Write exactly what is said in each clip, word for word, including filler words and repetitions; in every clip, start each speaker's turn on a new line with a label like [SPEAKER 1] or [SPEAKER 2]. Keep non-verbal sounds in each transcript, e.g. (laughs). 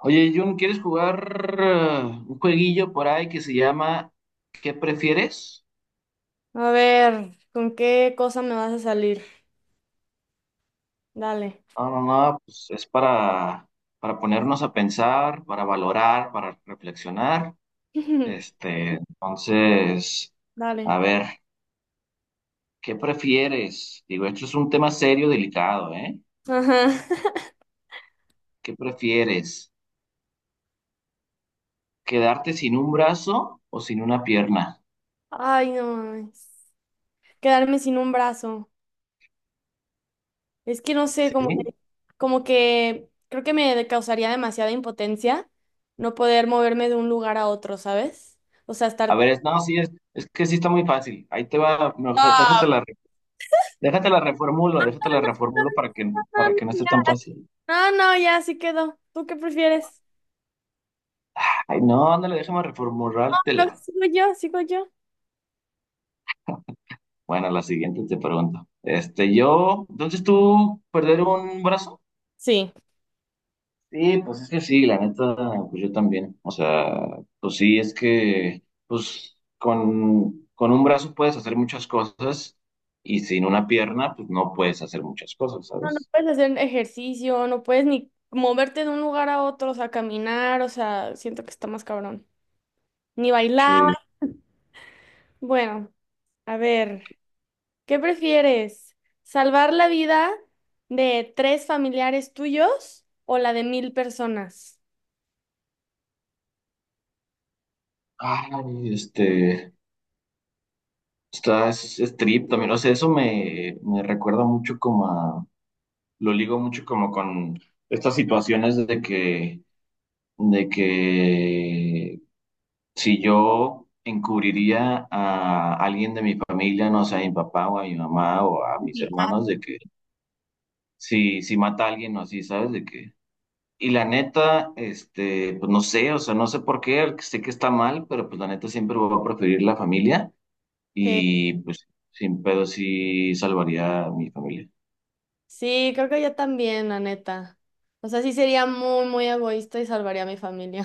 [SPEAKER 1] Oye, Jun, ¿quieres jugar eh, un jueguillo por ahí que se llama ¿Qué prefieres?
[SPEAKER 2] A ver, ¿con qué cosa me vas a salir? Dale.
[SPEAKER 1] No, no, no, pues es para, para ponernos a pensar, para valorar, para reflexionar.
[SPEAKER 2] (laughs)
[SPEAKER 1] Este, entonces,
[SPEAKER 2] Dale.
[SPEAKER 1] a ver, ¿qué prefieres? Digo, esto es un tema serio, delicado, ¿eh?
[SPEAKER 2] Ajá.
[SPEAKER 1] ¿Qué prefieres? ¿Quedarte sin un brazo o sin una pierna?
[SPEAKER 2] (laughs) Ay, no mames. Quedarme sin un brazo. Es que no sé,
[SPEAKER 1] ¿Sí?
[SPEAKER 2] como que, como que creo que me causaría demasiada impotencia no poder moverme de un lugar a otro, ¿sabes? O sea,
[SPEAKER 1] A
[SPEAKER 2] estar...
[SPEAKER 1] ver, es, no, sí, es, es que sí está muy fácil. Ahí te va, mejor
[SPEAKER 2] Ah,
[SPEAKER 1] déjate la. Déjate la reformulo, déjate la reformulo para que, para que no
[SPEAKER 2] no,
[SPEAKER 1] esté tan
[SPEAKER 2] ya.
[SPEAKER 1] fácil.
[SPEAKER 2] No, no, ya, sí quedó. ¿Tú qué prefieres?
[SPEAKER 1] Ay, no, ándale, déjame
[SPEAKER 2] No,
[SPEAKER 1] reformulártela.
[SPEAKER 2] sigo yo, sigo yo.
[SPEAKER 1] Bueno, la siguiente te pregunto. Este, yo, entonces tú, perder un brazo.
[SPEAKER 2] Sí.
[SPEAKER 1] Sí, pues es que sí, la neta, pues yo también. O sea, pues sí, es que, pues con, con un brazo puedes hacer muchas cosas y sin una pierna, pues no puedes hacer muchas cosas,
[SPEAKER 2] No, no
[SPEAKER 1] ¿sabes?
[SPEAKER 2] puedes hacer ejercicio, no puedes ni moverte de un lugar a otro, o sea, caminar, o sea, siento que está más cabrón. Ni bailar.
[SPEAKER 1] Sí.
[SPEAKER 2] Bueno, a ver, ¿qué prefieres? ¿Salvar la vida de tres familiares tuyos o la de mil personas?
[SPEAKER 1] Ay, este. Está es, es trip también, o sea, eso me, me recuerda mucho como a, lo ligo mucho como con estas situaciones de que, de que si yo encubriría a alguien de mi familia, no sé, a mi papá o a mi mamá o a mis
[SPEAKER 2] Sí.
[SPEAKER 1] hermanos, de que si, si mata a alguien o así, ¿sabes? De que, y la neta, este, pues no sé, o sea, no sé por qué, sé que está mal, pero pues la neta siempre voy a preferir la familia.
[SPEAKER 2] Sí,
[SPEAKER 1] Y pues sin pedo sí salvaría a mi familia.
[SPEAKER 2] sí, creo que yo también, la neta. O sea, sí sería muy, muy egoísta y salvaría a mi familia.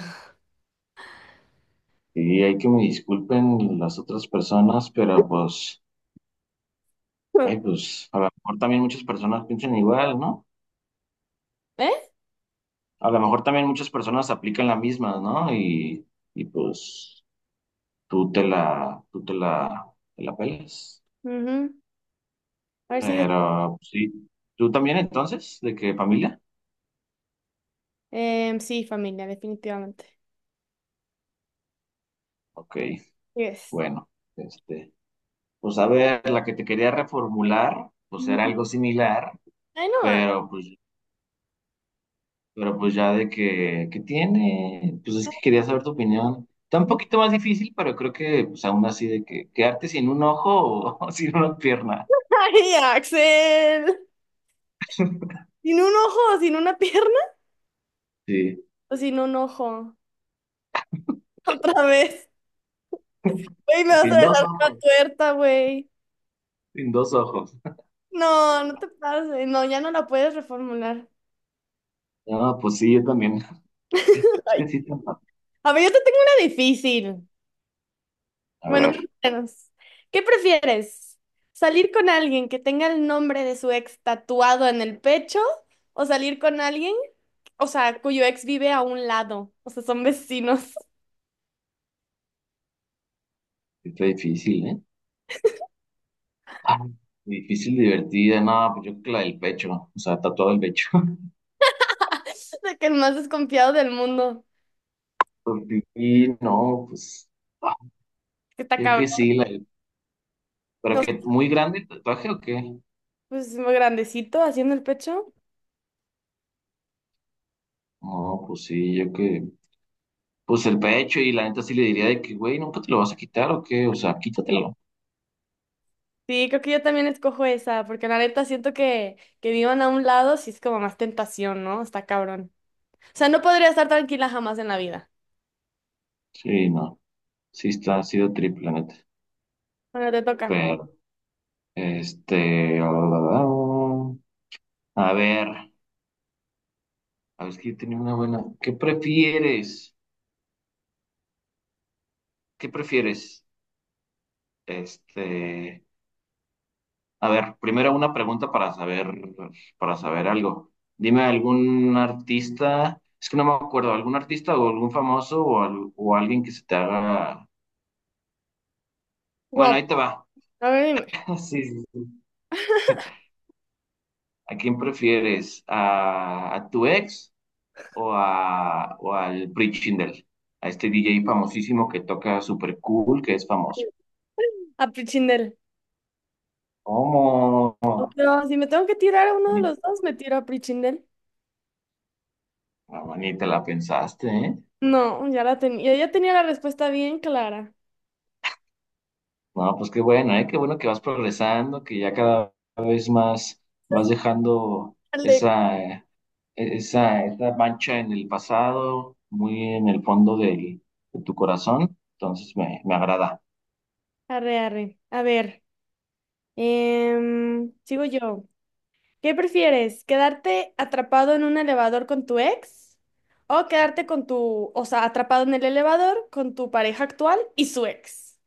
[SPEAKER 1] Y hay que me disculpen las otras personas, pero pues, ay,
[SPEAKER 2] (laughs)
[SPEAKER 1] pues a lo mejor también muchas personas piensan igual, ¿no?
[SPEAKER 2] ¿Eh?
[SPEAKER 1] A lo mejor también muchas personas aplican la misma, ¿no? Y, y pues tú te la, tú te la, te la pelas.
[SPEAKER 2] Ujú. A ver si...
[SPEAKER 1] Pero pues, sí, ¿tú también entonces? ¿De qué familia?
[SPEAKER 2] Em, sí, familia, definitivamente.
[SPEAKER 1] Ok,
[SPEAKER 2] Yes.
[SPEAKER 1] bueno, este, pues a ver, la que te quería reformular, pues era
[SPEAKER 2] Ujú.
[SPEAKER 1] algo similar.
[SPEAKER 2] Ay, no.
[SPEAKER 1] Pero pues Pero pues ya de que, que tiene, pues es que quería saber tu opinión. Está un poquito más difícil, pero creo que pues aún así de que quedarte sin un ojo o, (laughs) o sin una pierna.
[SPEAKER 2] Ay, Axel. Sin un ojo, sin una pierna
[SPEAKER 1] Sí,
[SPEAKER 2] o sin un ojo. (laughs) Otra vez. Güey, me
[SPEAKER 1] o
[SPEAKER 2] vas a
[SPEAKER 1] sin dos
[SPEAKER 2] dejar la
[SPEAKER 1] ojos,
[SPEAKER 2] tuerta, güey.
[SPEAKER 1] sin dos ojos.
[SPEAKER 2] No, no te pases. No, ya no la puedes reformular.
[SPEAKER 1] No, pues sí, yo también.
[SPEAKER 2] (laughs)
[SPEAKER 1] Es
[SPEAKER 2] Ay.
[SPEAKER 1] que sí, está fa-
[SPEAKER 2] A ver, yo te tengo una difícil.
[SPEAKER 1] a
[SPEAKER 2] Bueno, más
[SPEAKER 1] ver,
[SPEAKER 2] o menos. ¿Qué prefieres? ¿Salir con alguien que tenga el nombre de su ex tatuado en el pecho o salir con alguien, o sea, cuyo ex vive a un lado? O sea, son vecinos. (laughs)
[SPEAKER 1] sí está difícil, ¿eh? Ah, difícil, divertida, no, pues yo creo que la del pecho, o sea, tatuado el pecho. (laughs)
[SPEAKER 2] De que el más desconfiado del mundo.
[SPEAKER 1] Porque sí, no, pues ah,
[SPEAKER 2] Que está
[SPEAKER 1] yo
[SPEAKER 2] cabrón.
[SPEAKER 1] que sí, la del- pero
[SPEAKER 2] O
[SPEAKER 1] que muy grande el tatuaje o qué?
[SPEAKER 2] pues muy grandecito, haciendo el pecho.
[SPEAKER 1] No, pues sí, yo que... pues el pecho y la neta sí le diría de que, güey, ¿nunca te lo vas a quitar o qué? O sea, quítatelo.
[SPEAKER 2] Sí, creo que yo también escojo esa, porque la neta siento que, que vivan a un lado sí es como más tentación, ¿no? Está cabrón. O sea, no podría estar tranquila jamás en la vida.
[SPEAKER 1] Sí, no, sí está, ha sido triple, la neta.
[SPEAKER 2] Bueno, te toca.
[SPEAKER 1] Pero, este, a ver, a ver, es que yo tenía una buena. ¿Qué prefieres? ¿Qué prefieres? Este, a ver, primero una pregunta para saber, para saber algo. Dime algún artista, es que no me acuerdo, algún artista o algún famoso o, al- o alguien que se te haga. Bueno,
[SPEAKER 2] Guap.
[SPEAKER 1] ahí te va.
[SPEAKER 2] A ver,
[SPEAKER 1] (laughs) Sí, sí, ¿A quién prefieres? ¿A, a tu ex o, a, o al Prichindel? A este D J famosísimo que toca super cool, que es famoso.
[SPEAKER 2] dime. A Prichindel.
[SPEAKER 1] ¿Cómo?
[SPEAKER 2] Pero si me tengo que tirar a uno de
[SPEAKER 1] Ni,
[SPEAKER 2] los dos, me tiro a Prichindel.
[SPEAKER 1] no, ni te la pensaste, ¿eh?
[SPEAKER 2] No, ya la tenía. Ya tenía la respuesta bien clara.
[SPEAKER 1] No, pues qué bueno, ¿eh? Qué bueno que vas progresando, que ya cada vez más vas dejando
[SPEAKER 2] Dale.
[SPEAKER 1] esa, eh, esa, esa mancha en el pasado, muy en el fondo del- de tu corazón. Entonces me, me agrada.
[SPEAKER 2] Arre, arre. A ver. Em, sigo yo. ¿Qué prefieres? ¿Quedarte atrapado en un elevador con tu ex? ¿O quedarte con tu, o sea, atrapado en el elevador con tu pareja actual y su ex?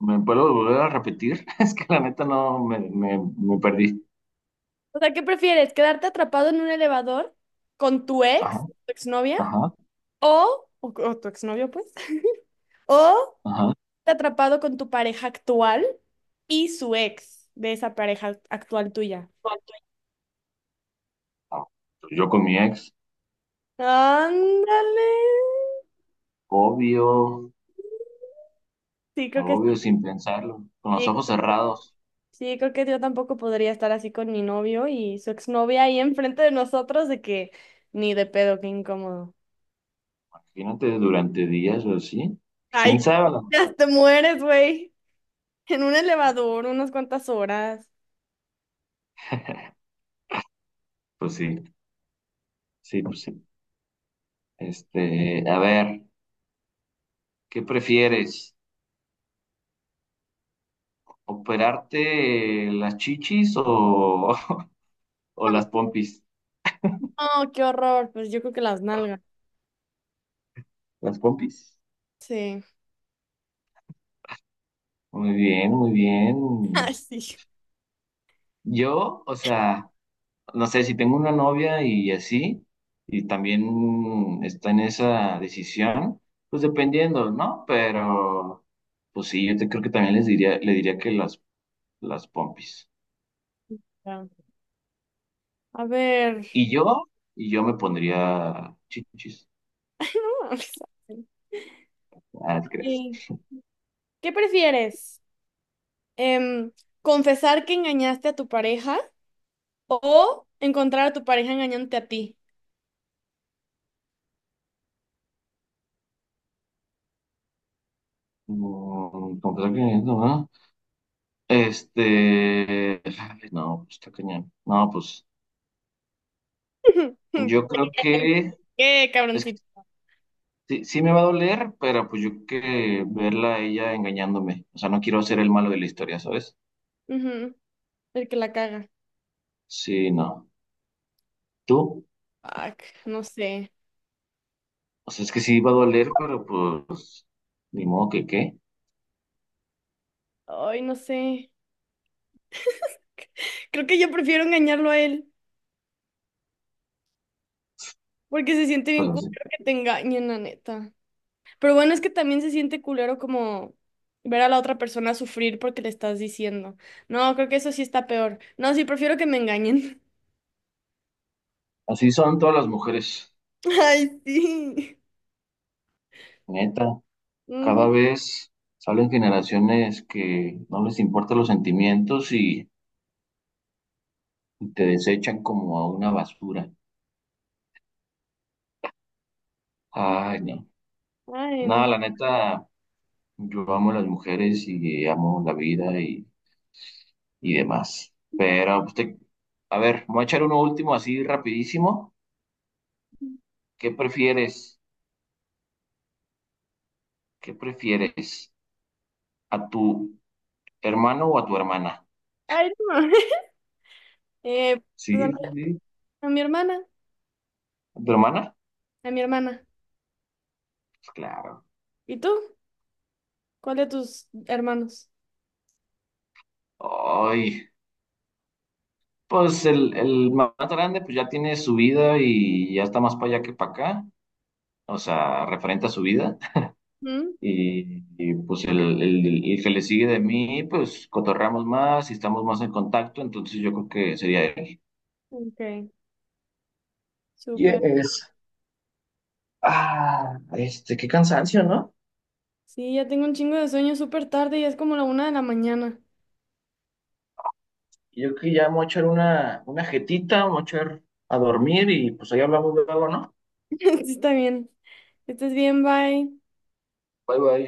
[SPEAKER 1] ¿Me puedo volver a repetir? (laughs) Es que la neta no me, me, me perdí.
[SPEAKER 2] O sea, ¿qué prefieres? ¿Quedarte atrapado en un elevador con tu ex,
[SPEAKER 1] Ajá,
[SPEAKER 2] tu exnovia?
[SPEAKER 1] ajá,
[SPEAKER 2] ¿O, o, o tu exnovio, pues? (laughs) ¿O
[SPEAKER 1] ajá.
[SPEAKER 2] te atrapado con tu pareja actual y su ex de esa pareja actual tuya?
[SPEAKER 1] Ah, pues yo con mi ex,
[SPEAKER 2] Ándale.
[SPEAKER 1] obvio,
[SPEAKER 2] Sí, creo que
[SPEAKER 1] obvio, sin pensarlo, con los
[SPEAKER 2] sí.
[SPEAKER 1] ojos cerrados.
[SPEAKER 2] Sí, creo que yo tampoco podría estar así con mi novio y su exnovia ahí enfrente de nosotros, de que ni de pedo, qué incómodo.
[SPEAKER 1] Imagínate durante días o así. Pues, ¿quién
[SPEAKER 2] Ay, (laughs)
[SPEAKER 1] sabe?
[SPEAKER 2] ¿cómo
[SPEAKER 1] La-
[SPEAKER 2] te te mueres, güey? En un elevador, unas cuantas horas.
[SPEAKER 1] pues sí, sí, pues sí. Este, a ver, ¿qué prefieres? ¿Operarte las chichis o, (laughs) o las pompis?
[SPEAKER 2] Oh, qué horror. Pues yo creo que las nalgas.
[SPEAKER 1] ¿Las pompis?
[SPEAKER 2] Sí.
[SPEAKER 1] Muy bien, muy
[SPEAKER 2] (laughs)
[SPEAKER 1] bien.
[SPEAKER 2] Ay, sí.
[SPEAKER 1] Yo, o sea. No sé, si tengo una novia y así, y también está en esa decisión, pues dependiendo, ¿no? Pero, pues sí, yo te, creo que también les diría, le diría que las, las pompis.
[SPEAKER 2] Ya. A ver.
[SPEAKER 1] Y
[SPEAKER 2] (laughs)
[SPEAKER 1] yo, y yo me pondría chichis.
[SPEAKER 2] Ay, no mames.
[SPEAKER 1] Ah, no te creas.
[SPEAKER 2] Sí. ¿Qué prefieres? Em, ¿Confesar que engañaste a tu pareja o encontrar a tu pareja engañándote a ti?
[SPEAKER 1] Mm, confesar que no, ¿no? Este, ay, no, pues está cañón. No, pues
[SPEAKER 2] (laughs)
[SPEAKER 1] yo creo que
[SPEAKER 2] ¿Qué,
[SPEAKER 1] es que
[SPEAKER 2] cabroncito?
[SPEAKER 1] sí, sí me va a doler, pero pues yo que verla a ella engañándome. O sea, no quiero ser el malo de la historia, ¿sabes?
[SPEAKER 2] Ujú. El que la caga.
[SPEAKER 1] Sí, no. ¿Tú?
[SPEAKER 2] Fuck, no sé.
[SPEAKER 1] O sea, es que sí va a doler, pero pues ni modo que qué.
[SPEAKER 2] Ay, no sé. Creo que yo prefiero engañarlo a él, porque se siente bien
[SPEAKER 1] Pues así.
[SPEAKER 2] culero que te engañen, la neta. Pero bueno, es que también se siente culero como ver a la otra persona sufrir porque le estás diciendo. No, creo que eso sí está peor. No, sí, prefiero que me engañen.
[SPEAKER 1] Así son todas las mujeres,
[SPEAKER 2] (laughs) Ay, sí.
[SPEAKER 1] neta. Cada
[SPEAKER 2] Ujú.
[SPEAKER 1] vez salen generaciones que no les importan los sentimientos y, y te desechan como a una basura. Ay, no.
[SPEAKER 2] Ay,
[SPEAKER 1] Nada,
[SPEAKER 2] no.
[SPEAKER 1] la neta, yo amo a las mujeres y amo la vida y y demás. Pero, pues, te- a ver, voy a echar uno último así rapidísimo. ¿Qué prefieres? ¿Qué prefieres? ¿A tu hermano o a tu hermana?
[SPEAKER 2] Ay, no. (laughs) Eh, pues a mi,
[SPEAKER 1] Sí, sí, sí.
[SPEAKER 2] a mi hermana,
[SPEAKER 1] ¿A tu hermana?
[SPEAKER 2] a mi hermana.
[SPEAKER 1] Pues, claro.
[SPEAKER 2] ¿Y tú? ¿Cuál de tus hermanos?
[SPEAKER 1] Ay, pues el, el más grande pues ya tiene su vida y ya está más para allá que para acá. O sea, referente a su vida.
[SPEAKER 2] ¿Mm?
[SPEAKER 1] Y, y, pues el, el- el que le sigue de mí, pues cotorreamos más y estamos más en contacto. Entonces yo creo que sería él.
[SPEAKER 2] Ok, súper.
[SPEAKER 1] Yes. Ah, este, qué cansancio, ¿no?
[SPEAKER 2] Sí, ya tengo un chingo de sueño súper tarde y es como la una de la mañana.
[SPEAKER 1] Yo creo que ya me voy a echar una, una jetita, me voy a echar a dormir y pues ahí hablamos luego, ¿no?
[SPEAKER 2] (laughs) Está bien. Estás bien, bye.
[SPEAKER 1] Bye bye.